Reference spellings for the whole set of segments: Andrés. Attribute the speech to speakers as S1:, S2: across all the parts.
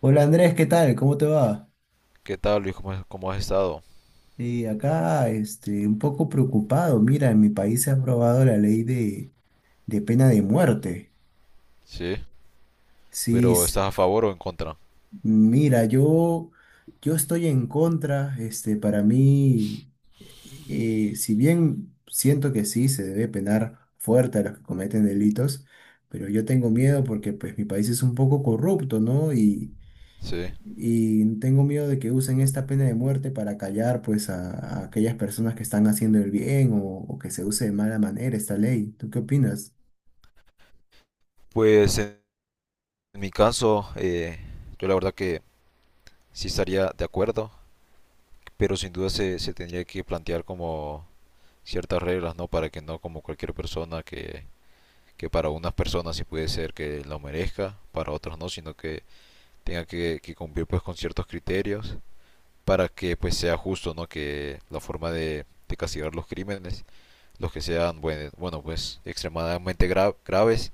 S1: Hola Andrés, ¿qué tal? ¿Cómo te va?
S2: ¿Qué tal, Luis? ¿Cómo, cómo has estado?
S1: Y acá, un poco preocupado. Mira, en mi país se ha aprobado la ley de pena de muerte.
S2: Sí.
S1: Sí,
S2: Pero ¿estás a favor o en contra?
S1: mira, yo estoy en contra. Para mí, eh, si bien siento que sí se debe penar fuerte a los que cometen delitos, pero yo tengo miedo porque, pues, mi país es un poco corrupto, ¿no?
S2: Sí.
S1: Y tengo miedo de que usen esta pena de muerte para callar pues a aquellas personas que están haciendo el bien o que se use de mala manera esta ley. ¿Tú qué opinas?
S2: Pues en mi caso, yo la verdad que sí estaría de acuerdo, pero sin duda se tendría que plantear como ciertas reglas, ¿no? Para que no como cualquier persona que para unas personas sí puede ser que lo merezca, para otros no, sino que tenga que cumplir pues con ciertos criterios para que pues sea justo, ¿no? Que la forma de castigar los crímenes los que sean, bueno, bueno pues extremadamente graves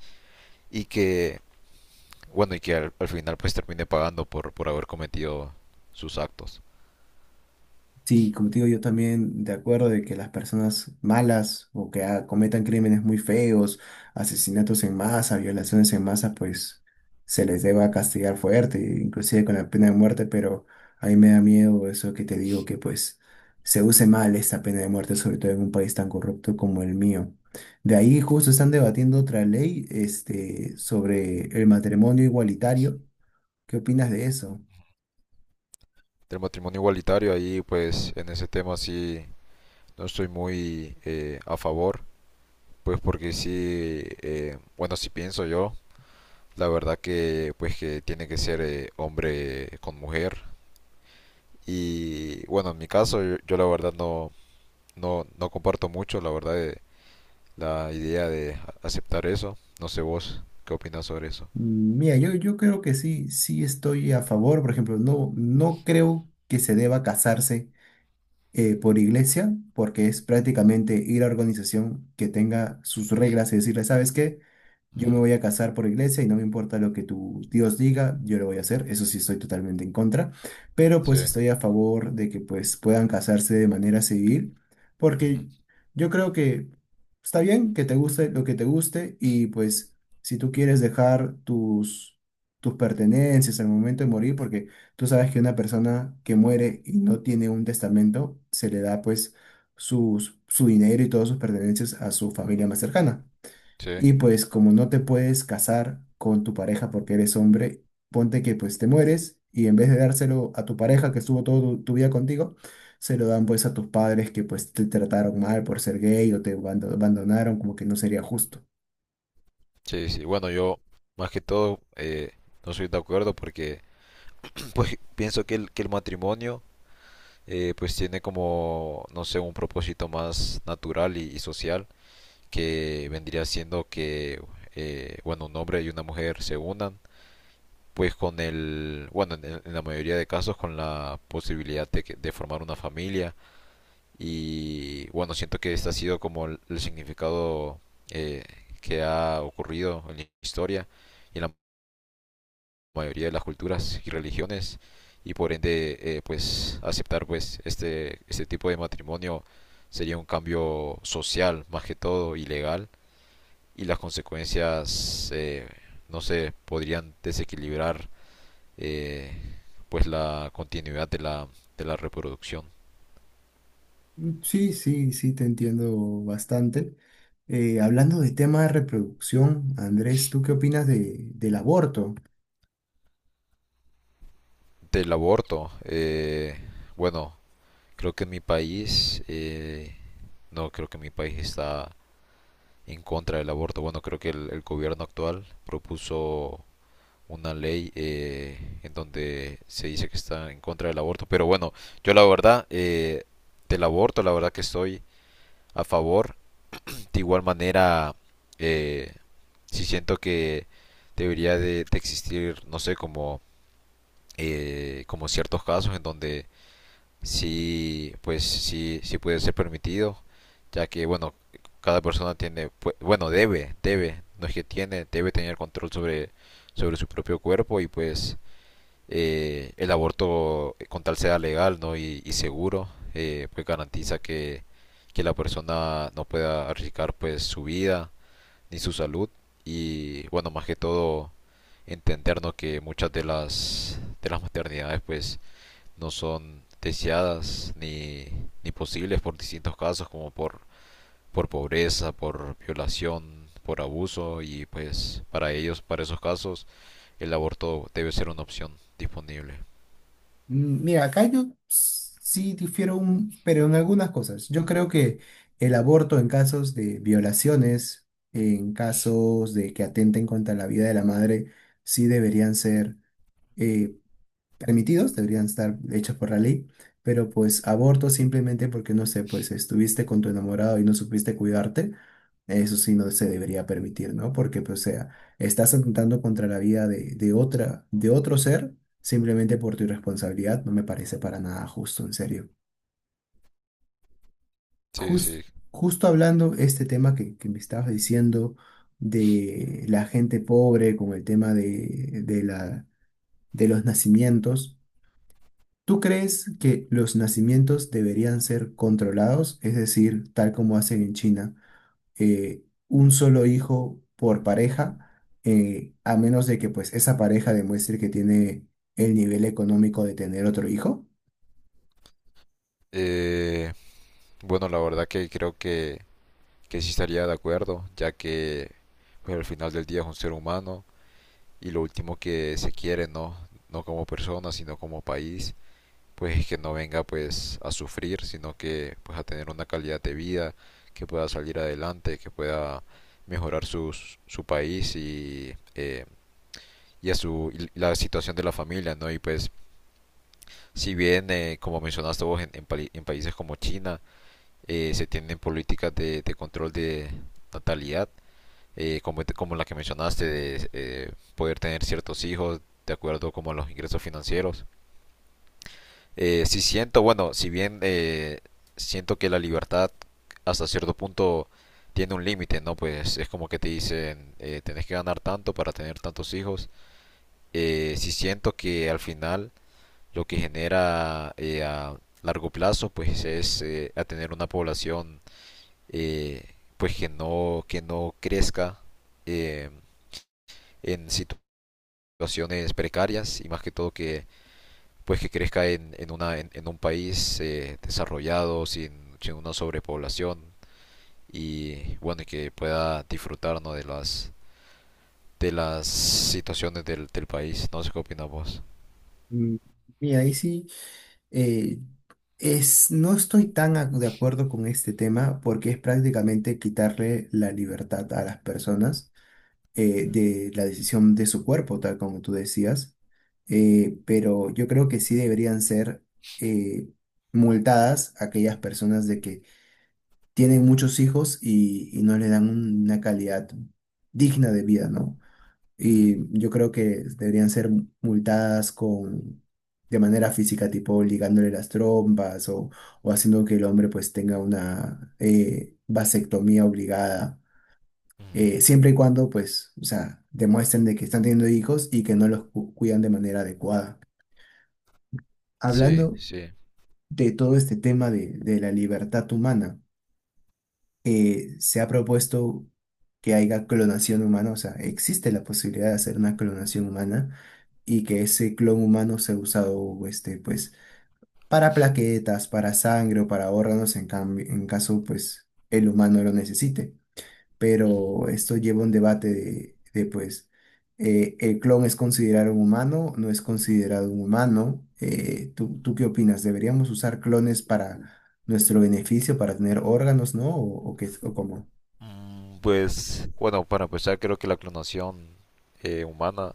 S2: y que, bueno, y que al final pues termine pagando por haber cometido sus actos.
S1: Sí, como te digo, yo también de acuerdo de que las personas malas o que cometan crímenes muy feos, asesinatos en masa, violaciones en masa, pues se les deba castigar fuerte, inclusive con la pena de muerte, pero a mí me da miedo eso que te digo que pues se use mal esta pena de muerte, sobre todo en un país tan corrupto como el mío. De ahí justo están debatiendo otra ley, sobre el matrimonio igualitario. ¿Qué opinas de eso?
S2: Del matrimonio igualitario ahí pues en ese tema sí no estoy muy a favor, pues porque sí, bueno, si pienso yo, la verdad que pues que tiene que ser hombre con mujer y bueno, en mi caso yo la verdad no, no, no comparto mucho, la verdad, la idea de aceptar eso. No sé vos, ¿qué opinas sobre eso?
S1: Mm, mira, yo creo que sí estoy a favor. Por ejemplo, no creo que se deba casarse por iglesia, porque es prácticamente ir a organización que tenga sus reglas y decirle, ¿sabes qué? Yo me
S2: Ujú.
S1: voy a casar por iglesia y no me importa lo que tu Dios diga, yo lo voy a hacer. Eso sí estoy totalmente en contra, pero
S2: Sí,
S1: pues estoy a favor de que pues puedan casarse de manera civil, porque
S2: ujú.
S1: yo creo que está bien que te guste lo que te guste y pues si tú quieres dejar tus pertenencias al momento de morir, porque tú sabes que una persona que muere y no tiene un testamento, se le da pues su dinero y todas sus pertenencias a su familia más cercana.
S2: Sí,
S1: Y pues como no te puedes casar con tu pareja porque eres hombre, ponte que pues te mueres y en vez de dárselo a tu pareja que estuvo toda tu vida contigo, se lo dan pues a tus padres que pues te trataron mal por ser gay o te abandonaron, como que no sería justo.
S2: sí, sí. Bueno, yo más que todo no soy de acuerdo porque pues pienso que el matrimonio pues tiene como, no sé, un propósito más natural y social que vendría siendo que, bueno, un hombre y una mujer se unan pues con el, bueno, en la mayoría de casos con la posibilidad de formar una familia. Y bueno, siento que este ha sido como el significado eh, que ha ocurrido en la historia y en la mayoría de las culturas y religiones y por ende pues aceptar pues este tipo de matrimonio sería un cambio social más que todo y legal, y las consecuencias no sé podrían desequilibrar eh, pues la continuidad de la reproducción
S1: Mm, sí, sí, sí, te entiendo bastante. Hablando de tema de reproducción, Andrés, ¿tú qué opinas del aborto?
S2: del aborto. Bueno, creo que en mi país, no, creo que mi país está en contra del aborto. Bueno, creo que el gobierno actual propuso una ley en donde se dice que está en contra del aborto. Pero bueno, yo la verdad, del aborto, la verdad que estoy a favor. De igual manera, eh, sí siento que debería de existir, no sé, como, como ciertos casos en donde sí, pues sí, sí puede ser permitido, ya que, bueno, cada persona tiene, bueno, debe, debe, no es que tiene, debe tener control sobre, sobre su propio cuerpo y pues el aborto, con tal sea legal, ¿no? Y seguro, pues garantiza que la persona no pueda arriesgar pues su vida ni su salud y, bueno, más que todo, entendernos que muchas de las maternidades pues no son deseadas ni posibles por distintos casos como por pobreza, por violación, por abuso y pues para ellos, para esos casos, el aborto debe ser una opción disponible.
S1: Mm, mira, acá yo sí difiero un, pero en algunas cosas. Yo creo que el aborto en casos de violaciones, en casos de que atenten contra la vida de la madre, sí deberían ser eh, permitidos, deberían estar hechos por la ley, pero pues aborto simplemente porque, no sé, pues estuviste con tu enamorado y no supiste cuidarte, eso sí no se debería permitir, ¿no? Porque, pues, o sea, estás atentando contra la vida de otra, de otro ser simplemente por tu irresponsabilidad, no me parece para nada justo, en serio.
S2: Sí, sí.
S1: Jus- Justo hablando este tema que me estabas diciendo de la gente pobre con el tema de la, de los nacimientos. ¿Tú crees que los nacimientos deberían ser controlados? Es decir, tal como hacen en China, un solo hijo por pareja, a menos de que pues esa pareja demuestre que tiene el nivel económico de tener otro hijo.
S2: Eh, bueno, la verdad que creo que sí estaría de acuerdo, ya que pues, al final del día es un ser humano y lo último que se quiere, ¿no? No como persona, sino como país, pues que no venga pues a sufrir, sino que pues a tener una calidad de vida, que pueda salir adelante, que pueda mejorar su país y a su, y la situación de la familia, ¿no? Y pues si bien, como mencionaste vos, en, en países como China, se tienen políticas de control de natalidad, como, como la que mencionaste, de poder tener ciertos hijos de acuerdo como a los ingresos financieros. Sí siento, bueno, si bien siento que la libertad hasta cierto punto tiene un límite, ¿no? Pues es como que te dicen, tenés que ganar tanto para tener tantos hijos. Sí siento que al final lo que genera a largo plazo, pues es a tener una población pues que no crezca eh, en situaciones precarias y más que todo que pues que crezca en un país desarrollado, sin una sobrepoblación y bueno, y que pueda disfrutar, ¿no? de las situaciones del país. No sé qué opinas vos.
S1: Mm, mira, ahí sí, eh, Es, no estoy tan de acuerdo con este tema porque es prácticamente quitarle la libertad a las personas de la decisión de su cuerpo, tal como tú decías, pero yo creo que sí deberían ser eh, multadas aquellas personas de que tienen muchos hijos y no le dan una calidad digna de vida, ¿no?
S2: Ujú,
S1: Y yo creo que deberían ser multadas con... de manera física, tipo ligándole las trompas o haciendo que el hombre pues tenga una vasectomía obligada,
S2: ujú,
S1: siempre y cuando, pues, o sea, demuestren de que están teniendo hijos y que no los cuidan de manera adecuada.
S2: sí,
S1: Hablando
S2: sí,
S1: de todo este tema de la libertad humana, se ha propuesto que haya clonación humana, o sea, existe la posibilidad de hacer una clonación humana y que ese clon humano sea usado, pues, para plaquetas, para sangre o para órganos en cambio, en caso, pues, el humano lo necesite.
S2: ujú.
S1: Pero esto lleva un debate pues, ¿el clon es considerado un humano? ¿No es considerado un humano? ¿Tú qué opinas? ¿Deberíamos usar clones para nuestro beneficio, para tener órganos, ¿no? ¿O qué, o cómo?
S2: Pues bueno, para empezar creo que la clonación humana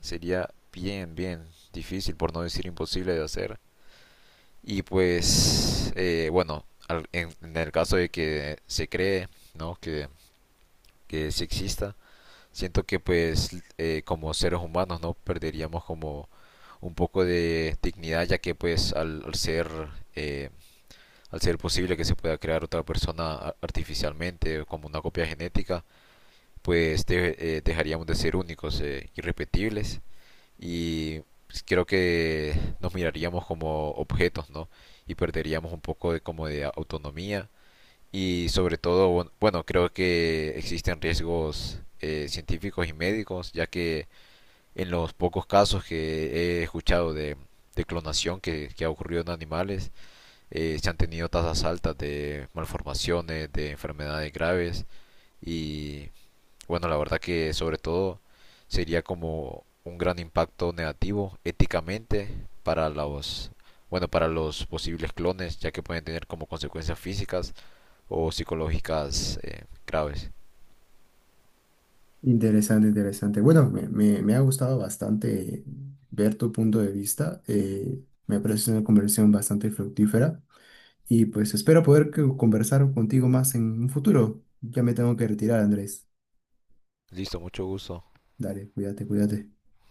S2: sería bien, bien difícil, por no decir imposible de hacer. Y pues bueno, en el caso de que se cree, ¿no? Que sí exista. Siento que pues como seres humanos no perderíamos como un poco de dignidad ya que pues al ser eh, al ser posible que se pueda crear otra persona artificialmente o como una copia genética pues dejaríamos de ser únicos irrepetibles y pues, creo que nos miraríamos como objetos, no, y perderíamos un poco de como de autonomía y sobre todo, bueno, bueno, creo que existen riesgos científicos y médicos, ya que en los pocos casos que he escuchado de clonación que ha ocurrido en animales, se han tenido tasas altas de malformaciones, de enfermedades graves y bueno, la verdad que sobre todo sería como un gran impacto negativo éticamente para los, bueno, para los posibles clones, ya que pueden tener como consecuencias físicas o psicológicas graves.
S1: Interesante, interesante. Bueno, me ha gustado bastante ver tu punto de vista. Eh, me parece una conversación bastante fructífera y pues espero poder conversar contigo más en un futuro. Ya me tengo que retirar, Andrés.
S2: Listo, mucho gusto.
S1: Dale, cuídate, cuídate.